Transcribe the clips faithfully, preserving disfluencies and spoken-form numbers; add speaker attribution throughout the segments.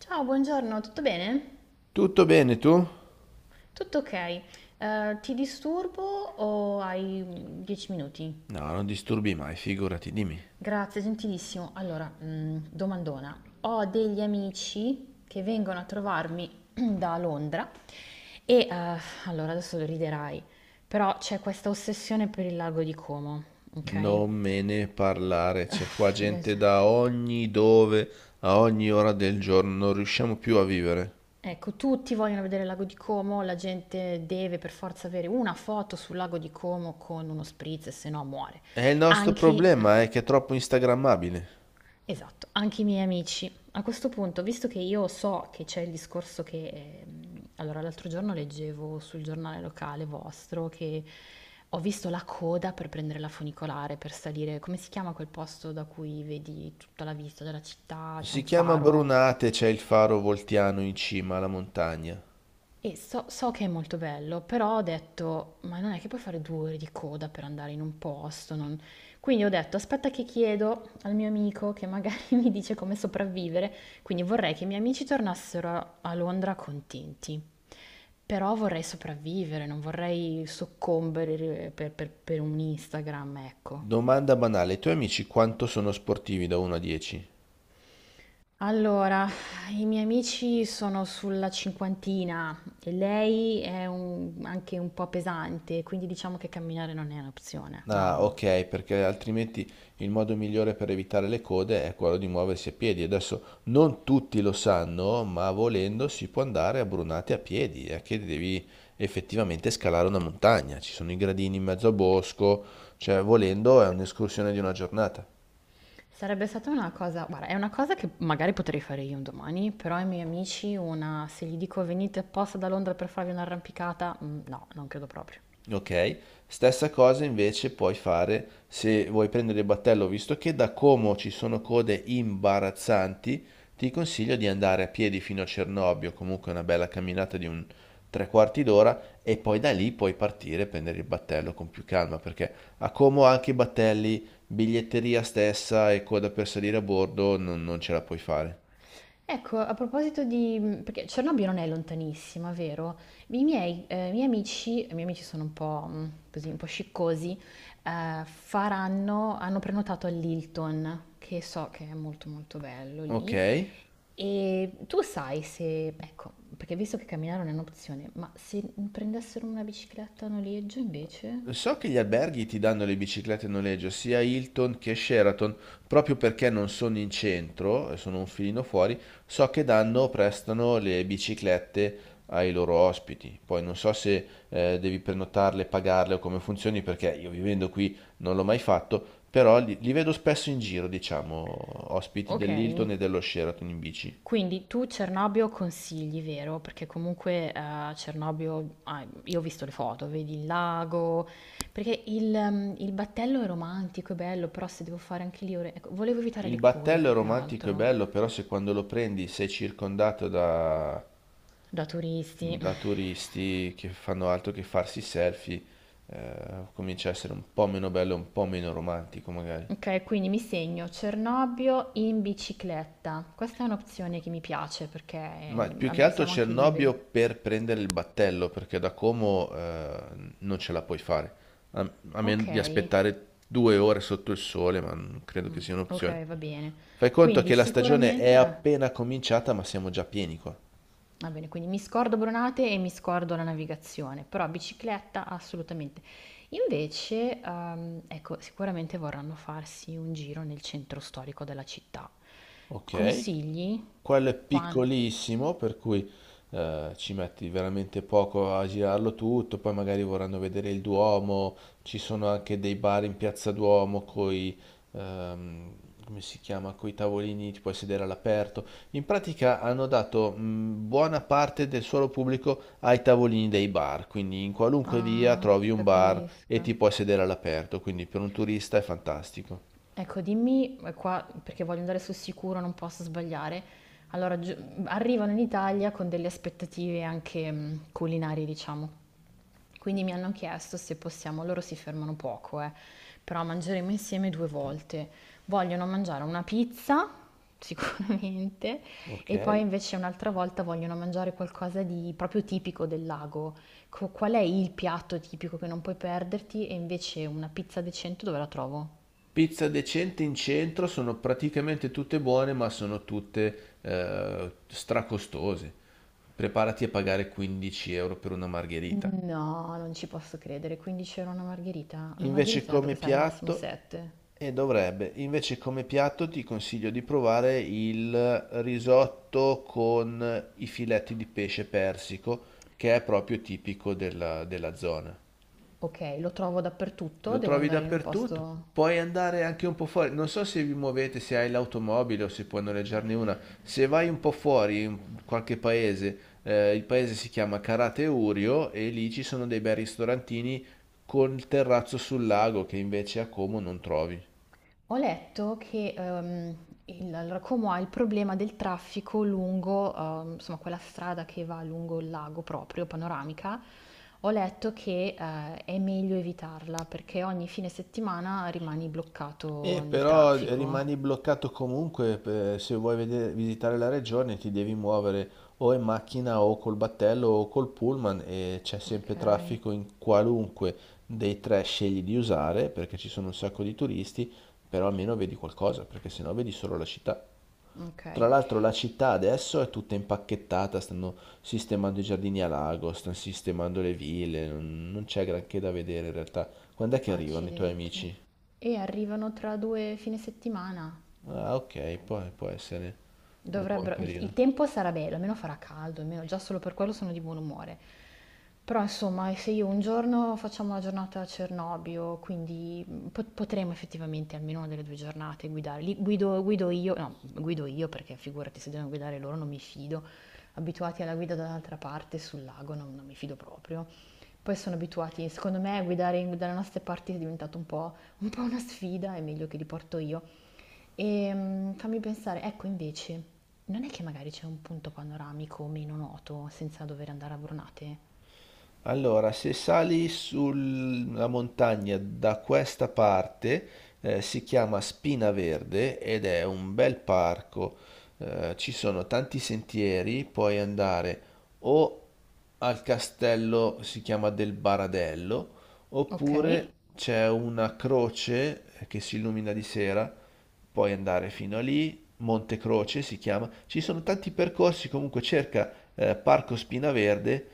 Speaker 1: Ciao, buongiorno, tutto bene?
Speaker 2: Tutto bene tu? No,
Speaker 1: Tutto ok. Eh, ti disturbo o hai dieci minuti?
Speaker 2: non disturbi mai, figurati, dimmi.
Speaker 1: Grazie, gentilissimo. Allora, mm, domandona. Ho degli amici che vengono a trovarmi da Londra e, eh, allora, adesso lo riderai, però c'è questa ossessione per il lago di Como, ok?
Speaker 2: Non me ne parlare, c'è qua gente
Speaker 1: Esatto.
Speaker 2: da ogni dove, a ogni ora del giorno, non riusciamo più a vivere.
Speaker 1: Ecco, tutti vogliono vedere il lago di Como, la gente deve per forza avere una foto sul lago di Como con uno spritz, se no muore.
Speaker 2: E il nostro
Speaker 1: Anche
Speaker 2: problema è che è troppo instagrammabile.
Speaker 1: esatto, anche i miei amici. A questo punto, visto che io so che c'è il discorso che... ehm, allora, l'altro giorno leggevo sul giornale locale vostro che ho visto la coda per prendere la funicolare, per salire... Come si chiama quel posto da cui vedi tutta la vista della città? C'è un
Speaker 2: Si chiama
Speaker 1: faro.
Speaker 2: Brunate, c'è il faro voltiano in cima alla montagna.
Speaker 1: E so, so che è molto bello, però ho detto, ma non è che puoi fare due ore di coda per andare in un posto. Non. Quindi ho detto, aspetta che chiedo al mio amico che magari mi dice come sopravvivere. Quindi vorrei che i miei amici tornassero a a Londra contenti. Però vorrei sopravvivere, non vorrei soccombere eh, per, per per un Instagram, ecco.
Speaker 2: Domanda banale, i tuoi amici quanto sono sportivi da uno a dieci?
Speaker 1: Allora, i miei amici sono sulla cinquantina e lei è un- anche un po' pesante, quindi diciamo che camminare non è un'opzione. No, no,
Speaker 2: Ah,
Speaker 1: no.
Speaker 2: ok, perché altrimenti il modo migliore per evitare le code è quello di muoversi a piedi. Adesso non tutti lo sanno, ma volendo si può andare a Brunate a piedi, è che devi effettivamente scalare una montagna. Ci sono i gradini in mezzo a bosco, cioè volendo è un'escursione di una giornata.
Speaker 1: Sarebbe stata una cosa, guarda, è una cosa che magari potrei fare io un domani, però ai miei amici una, se gli dico venite apposta da Londra per farvi un'arrampicata, mm, no, non credo proprio.
Speaker 2: Ok, stessa cosa invece puoi fare se vuoi prendere il battello, visto che da Como ci sono code imbarazzanti, ti consiglio di andare a piedi fino a Cernobbio, comunque una bella camminata di un tre quarti d'ora e poi da lì puoi partire e prendere il battello con più calma, perché a Como anche i battelli, biglietteria stessa e coda per salire a bordo non, non ce la puoi fare.
Speaker 1: Ecco, a proposito di... mm, perché Cernobbio non è lontanissima, vero? I miei, eh, i miei amici, i miei amici sono un po' mm, così, un po' sciccosi, eh, faranno, hanno prenotato all'Hilton, che so che è molto molto bello
Speaker 2: Ok?
Speaker 1: lì, e tu sai se, ecco, perché visto che camminare non è un'opzione, ma se prendessero una bicicletta a noleggio invece?
Speaker 2: So che gli alberghi ti danno le biciclette a noleggio, sia Hilton che Sheraton, proprio perché non sono in centro, e sono un filino fuori, so che danno, prestano le biciclette ai loro ospiti. Poi non so se eh, devi prenotarle, pagarle o come funzioni, perché io vivendo qui non l'ho mai fatto, però li, li vedo spesso in giro, diciamo, ospiti
Speaker 1: Ok.
Speaker 2: dell'Hilton e dello Sheraton in bici.
Speaker 1: Quindi tu Cernobbio consigli, vero? Perché comunque eh, Cernobbio, ah, io ho visto le foto, vedi il lago, perché il, ehm, il battello è romantico, è bello, però se devo fare anche lì ore... ecco, volevo evitare
Speaker 2: Il
Speaker 1: le code
Speaker 2: battello è
Speaker 1: più che
Speaker 2: romantico e
Speaker 1: altro,
Speaker 2: bello, però se quando lo prendi sei circondato da
Speaker 1: da turisti.
Speaker 2: da turisti che fanno altro che farsi selfie, eh, comincia a essere un po' meno bello, un po' meno romantico magari.
Speaker 1: Ok, quindi mi segno Cernobbio in bicicletta. Questa è un'opzione che mi piace perché
Speaker 2: Ma
Speaker 1: eh,
Speaker 2: più che
Speaker 1: am-
Speaker 2: altro
Speaker 1: siamo anche
Speaker 2: Cernobbio
Speaker 1: liberi.
Speaker 2: per prendere il battello, perché da Como eh, non ce la puoi fare. A, a meno
Speaker 1: Ok,
Speaker 2: di aspettare due ore sotto il sole, ma non credo
Speaker 1: mm,
Speaker 2: che sia un'opzione.
Speaker 1: ok, va bene.
Speaker 2: Fai conto
Speaker 1: Quindi
Speaker 2: che la stagione è
Speaker 1: sicuramente... eh.
Speaker 2: appena cominciata, ma siamo già pieni qua.
Speaker 1: Va bene, quindi mi scordo Bronate e mi scordo la navigazione, però bicicletta assolutamente. Invece, ehm, ecco, sicuramente vorranno farsi un giro nel centro storico della città.
Speaker 2: Ok,
Speaker 1: Consigli?
Speaker 2: quello è
Speaker 1: Quan...
Speaker 2: piccolissimo, per cui eh, ci metti veramente poco a girarlo tutto, poi magari vorranno vedere il Duomo, ci sono anche dei bar in Piazza Duomo coi, ehm, come si chiama, coi tavolini, ti puoi sedere all'aperto. In pratica hanno dato mh, buona parte del suolo pubblico ai tavolini dei bar, quindi in qualunque via
Speaker 1: Ah,
Speaker 2: trovi un bar e
Speaker 1: capisco.
Speaker 2: ti puoi sedere all'aperto, quindi per un turista è fantastico.
Speaker 1: Ecco, dimmi eh, qua, perché voglio andare sul sicuro, non posso sbagliare. Allora, giu- arrivano in Italia con delle aspettative anche mm, culinarie, diciamo. Quindi mi hanno chiesto se possiamo, loro si fermano poco, eh, però mangeremo insieme due volte. Vogliono mangiare una pizza, sicuramente,
Speaker 2: Ok.
Speaker 1: e poi invece un'altra volta vogliono mangiare qualcosa di proprio tipico del lago. Co- Qual è il piatto tipico che non puoi perderti? E invece una pizza decente dove la trovo?
Speaker 2: Pizza decente in centro sono praticamente tutte buone, ma sono tutte eh, stracostose. Preparati a pagare quindici euro per una margherita.
Speaker 1: No, non ci posso credere. quindici euro una margherita? La margherita
Speaker 2: Invece
Speaker 1: dovrebbe
Speaker 2: come
Speaker 1: costare massimo
Speaker 2: piatto,
Speaker 1: sette.
Speaker 2: e dovrebbe, Invece come piatto ti consiglio di provare il risotto con i filetti di pesce persico, che è proprio tipico della, della zona.
Speaker 1: Ok, lo trovo dappertutto,
Speaker 2: Lo
Speaker 1: devo
Speaker 2: trovi
Speaker 1: andare in un
Speaker 2: dappertutto.
Speaker 1: posto...
Speaker 2: Puoi andare anche un po' fuori. Non so se vi muovete, se hai l'automobile o se puoi noleggiarne una. Se vai un po' fuori in qualche paese, eh, il paese si chiama Karate Urio e lì ci sono dei bei ristorantini col terrazzo sul lago che invece a Como non trovi.
Speaker 1: Ho letto che ehm, il- allora, Como ha il problema del traffico lungo, ehm, insomma, quella strada che va lungo il lago proprio, panoramica. Ho letto che eh, è meglio evitarla perché ogni fine settimana rimani
Speaker 2: E
Speaker 1: bloccato nel
Speaker 2: però
Speaker 1: traffico.
Speaker 2: rimani bloccato comunque, eh, se vuoi vede- visitare la regione ti devi muovere o in macchina o col battello o col pullman e c'è
Speaker 1: Ok,
Speaker 2: sempre traffico in qualunque dei tre scegli di usare perché ci sono un sacco di turisti, però almeno vedi qualcosa perché sennò vedi solo la città.
Speaker 1: ok.
Speaker 2: Tra l'altro la città adesso è tutta impacchettata, stanno sistemando i giardini a lago, stanno sistemando le ville, non non c'è granché da vedere in realtà. Quando è che arrivano i tuoi
Speaker 1: Accidenti.
Speaker 2: amici?
Speaker 1: E arrivano tra due fine settimana.
Speaker 2: Ah, ok, può, può essere un buon
Speaker 1: Dovrebbero, il il
Speaker 2: periodo.
Speaker 1: tempo sarà bello, almeno farà caldo, almeno già solo per quello sono di buon umore. Però insomma, se io un giorno facciamo la giornata a Cernobbio, quindi mm, pot- potremo effettivamente almeno una delle due giornate guidare. Li- guido, guido io, no, guido io perché figurati se devono guidare loro non mi fido. Abituati alla guida dall'altra parte sul lago non, non mi fido proprio. Poi sono abituati, secondo me, a guidare in- dalle nostre parti è diventato un po', un po' una sfida, è meglio che li porto io. Ehm, fammi pensare, ecco invece, non è che magari c'è un punto panoramico meno noto senza dover andare a Brunate?
Speaker 2: Allora, se sali sulla montagna da questa parte, eh, si chiama Spina Verde ed è un bel parco. Eh, ci sono tanti sentieri, puoi andare o al castello, si chiama del Baradello,
Speaker 1: Ok,
Speaker 2: oppure c'è una croce che si illumina di sera, puoi andare fino a lì Montecroce si chiama, ci sono tanti percorsi, comunque cerca eh, Parco Spinaverde,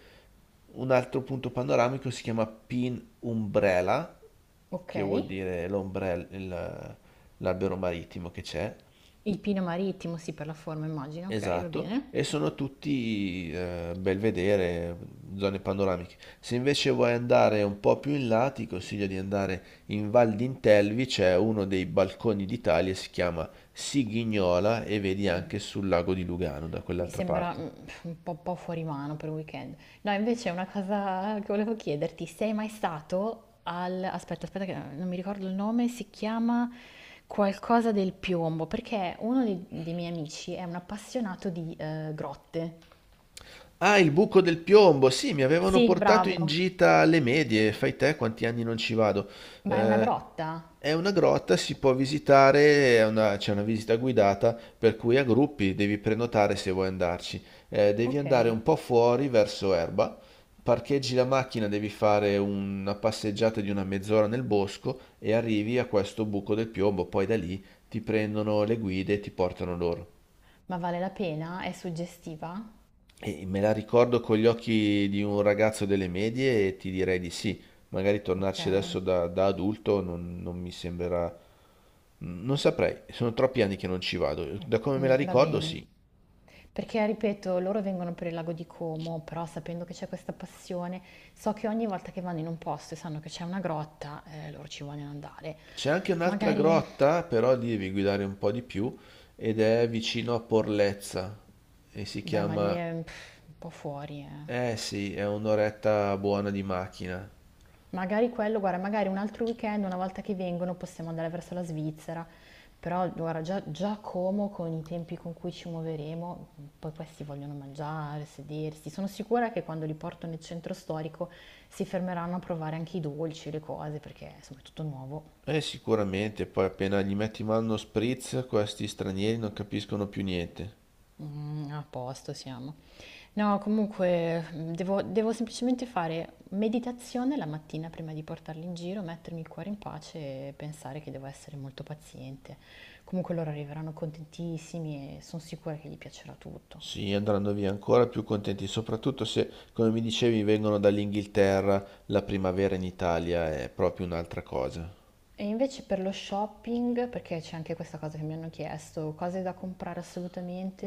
Speaker 2: un altro punto panoramico si chiama Pin Umbrella,
Speaker 1: ok.
Speaker 2: che vuol dire l'ombrello, l'albero marittimo che c'è,
Speaker 1: Il Pino Marittimo, sì, per la forma immagino, ok, va
Speaker 2: Esatto,
Speaker 1: bene.
Speaker 2: e sono tutti eh, bel vedere, zone panoramiche. Se invece vuoi andare un po' più in là, ti consiglio di andare in Val d'Intelvi, c'è uno dei balconi d'Italia, si chiama Sigignola e vedi
Speaker 1: Mm.
Speaker 2: anche sul lago di Lugano da
Speaker 1: Mi
Speaker 2: quell'altra
Speaker 1: sembra
Speaker 2: parte.
Speaker 1: mm, un po', po' fuori mano per un weekend. No, invece una cosa che volevo chiederti, sei mai stato al... Aspetta, aspetta, che non mi ricordo il nome, si chiama qualcosa del piombo, perché uno dei, dei miei amici è un appassionato di eh, grotte.
Speaker 2: Ah, il buco del piombo. Sì, mi avevano
Speaker 1: Sì,
Speaker 2: portato in
Speaker 1: bravo.
Speaker 2: gita alle medie. Fai te quanti anni non ci vado.
Speaker 1: Ma è una
Speaker 2: Eh,
Speaker 1: grotta?
Speaker 2: è una grotta, si può visitare, è una- c'è una visita guidata, per cui a gruppi devi prenotare se vuoi andarci. Eh, devi
Speaker 1: Ok.
Speaker 2: andare un po' fuori verso Erba. Parcheggi la macchina, devi fare una passeggiata di una mezz'ora nel bosco e arrivi a questo buco del piombo. Poi da lì ti prendono le guide e ti portano loro.
Speaker 1: Ma vale la pena? È suggestiva?
Speaker 2: E me la ricordo con gli occhi di un ragazzo delle medie e ti direi di sì. Magari tornarci adesso
Speaker 1: Ok.
Speaker 2: da, da adulto non, non mi sembrerà... Non saprei, sono troppi anni che non ci vado. Da come me
Speaker 1: Mm,
Speaker 2: la
Speaker 1: va
Speaker 2: ricordo,
Speaker 1: bene.
Speaker 2: sì.
Speaker 1: Perché, ripeto, loro vengono per il lago di Como, però sapendo che c'è questa passione, so che ogni volta che vanno in un posto e sanno che c'è una grotta, eh, loro ci vogliono andare.
Speaker 2: C'è anche un'altra
Speaker 1: Magari,
Speaker 2: grotta, però lì devi guidare un po' di più, ed è vicino a Porlezza. E si
Speaker 1: beh, ma lì
Speaker 2: chiama...
Speaker 1: è pff, un po' fuori, eh.
Speaker 2: Eh sì, è un'oretta buona di macchina.
Speaker 1: Magari quello, guarda, magari un altro weekend, una volta che vengono, possiamo andare verso la Svizzera, però guarda, già, già Como con i tempi con cui ci muoveremo, poi questi vogliono mangiare, sedersi. Sono sicura che quando li porto nel centro storico si fermeranno a provare anche i dolci, le cose, perché insomma è tutto nuovo.
Speaker 2: Eh sicuramente, poi appena gli metti in mano uno spritz, questi stranieri non capiscono più niente.
Speaker 1: Mm, a posto siamo. No, comunque mh, devo, devo semplicemente fare meditazione la mattina prima di portarli in giro, mettermi il cuore in pace e pensare che devo essere molto paziente. Comunque loro arriveranno contentissimi e sono sicura che gli piacerà tutto.
Speaker 2: Sì, andranno via ancora più contenti, soprattutto se, come mi dicevi, vengono dall'Inghilterra, la primavera in Italia è proprio un'altra cosa.
Speaker 1: E invece per lo shopping, perché c'è anche questa cosa che mi hanno chiesto, cose da comprare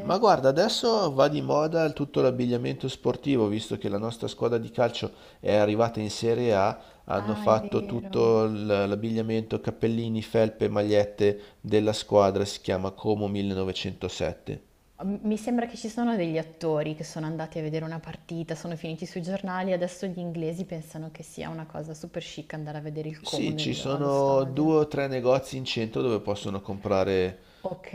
Speaker 2: Ma guarda, adesso va di moda tutto l'abbigliamento sportivo, visto che la nostra squadra di calcio è arrivata in Serie A, hanno
Speaker 1: Ah, è
Speaker 2: fatto
Speaker 1: vero.
Speaker 2: tutto l- l'abbigliamento, cappellini, felpe, magliette della squadra, si chiama Como millenovecentosette.
Speaker 1: M- mi sembra che ci sono degli attori che sono andati a vedere una partita, sono finiti sui giornali, adesso gli inglesi pensano che sia una cosa super chic andare a vedere il Como
Speaker 2: Sì, ci
Speaker 1: nel- allo
Speaker 2: sono
Speaker 1: stadio.
Speaker 2: due o tre negozi in centro dove possono comprare.
Speaker 1: Ok,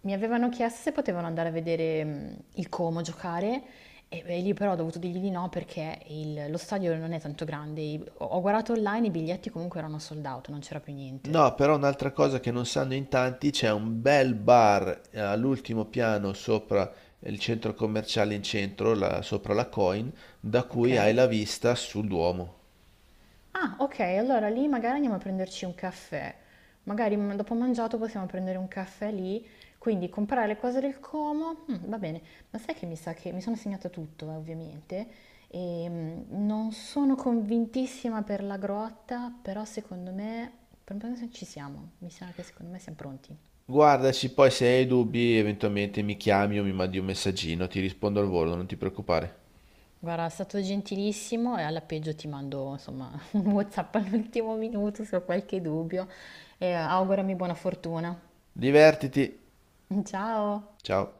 Speaker 1: mi avevano chiesto se potevano andare a vedere mm, il Como giocare e beh, lì però ho dovuto dirgli di no perché il- lo stadio non è tanto grande. I- Ho ho guardato online, i biglietti comunque erano sold out, non c'era più niente.
Speaker 2: No, però un'altra cosa che non sanno in tanti, c'è un bel bar eh, all'ultimo piano sopra il centro commerciale in centro, la- sopra la Coin, da
Speaker 1: Ok?
Speaker 2: cui hai la vista sul Duomo.
Speaker 1: Ah, ok, allora lì magari andiamo a prenderci un caffè. Magari mm, dopo mangiato possiamo prendere un caffè lì, quindi comprare le cose del Como, mm, va bene. Ma sai che mi sa che mi sono segnata tutto, eh, ovviamente, e mm, non sono convintissima per la grotta, però secondo me, per un po' ci siamo, mi sa che secondo me siamo pronti.
Speaker 2: Guardaci, poi se hai dubbi eventualmente mi chiami o mi mandi un messaggino, ti rispondo al volo, non ti preoccupare.
Speaker 1: Guarda, è stato gentilissimo e alla peggio ti mando, insomma, un WhatsApp all'ultimo minuto se ho qualche dubbio e augurami buona fortuna.
Speaker 2: Divertiti,
Speaker 1: Ciao!
Speaker 2: ciao.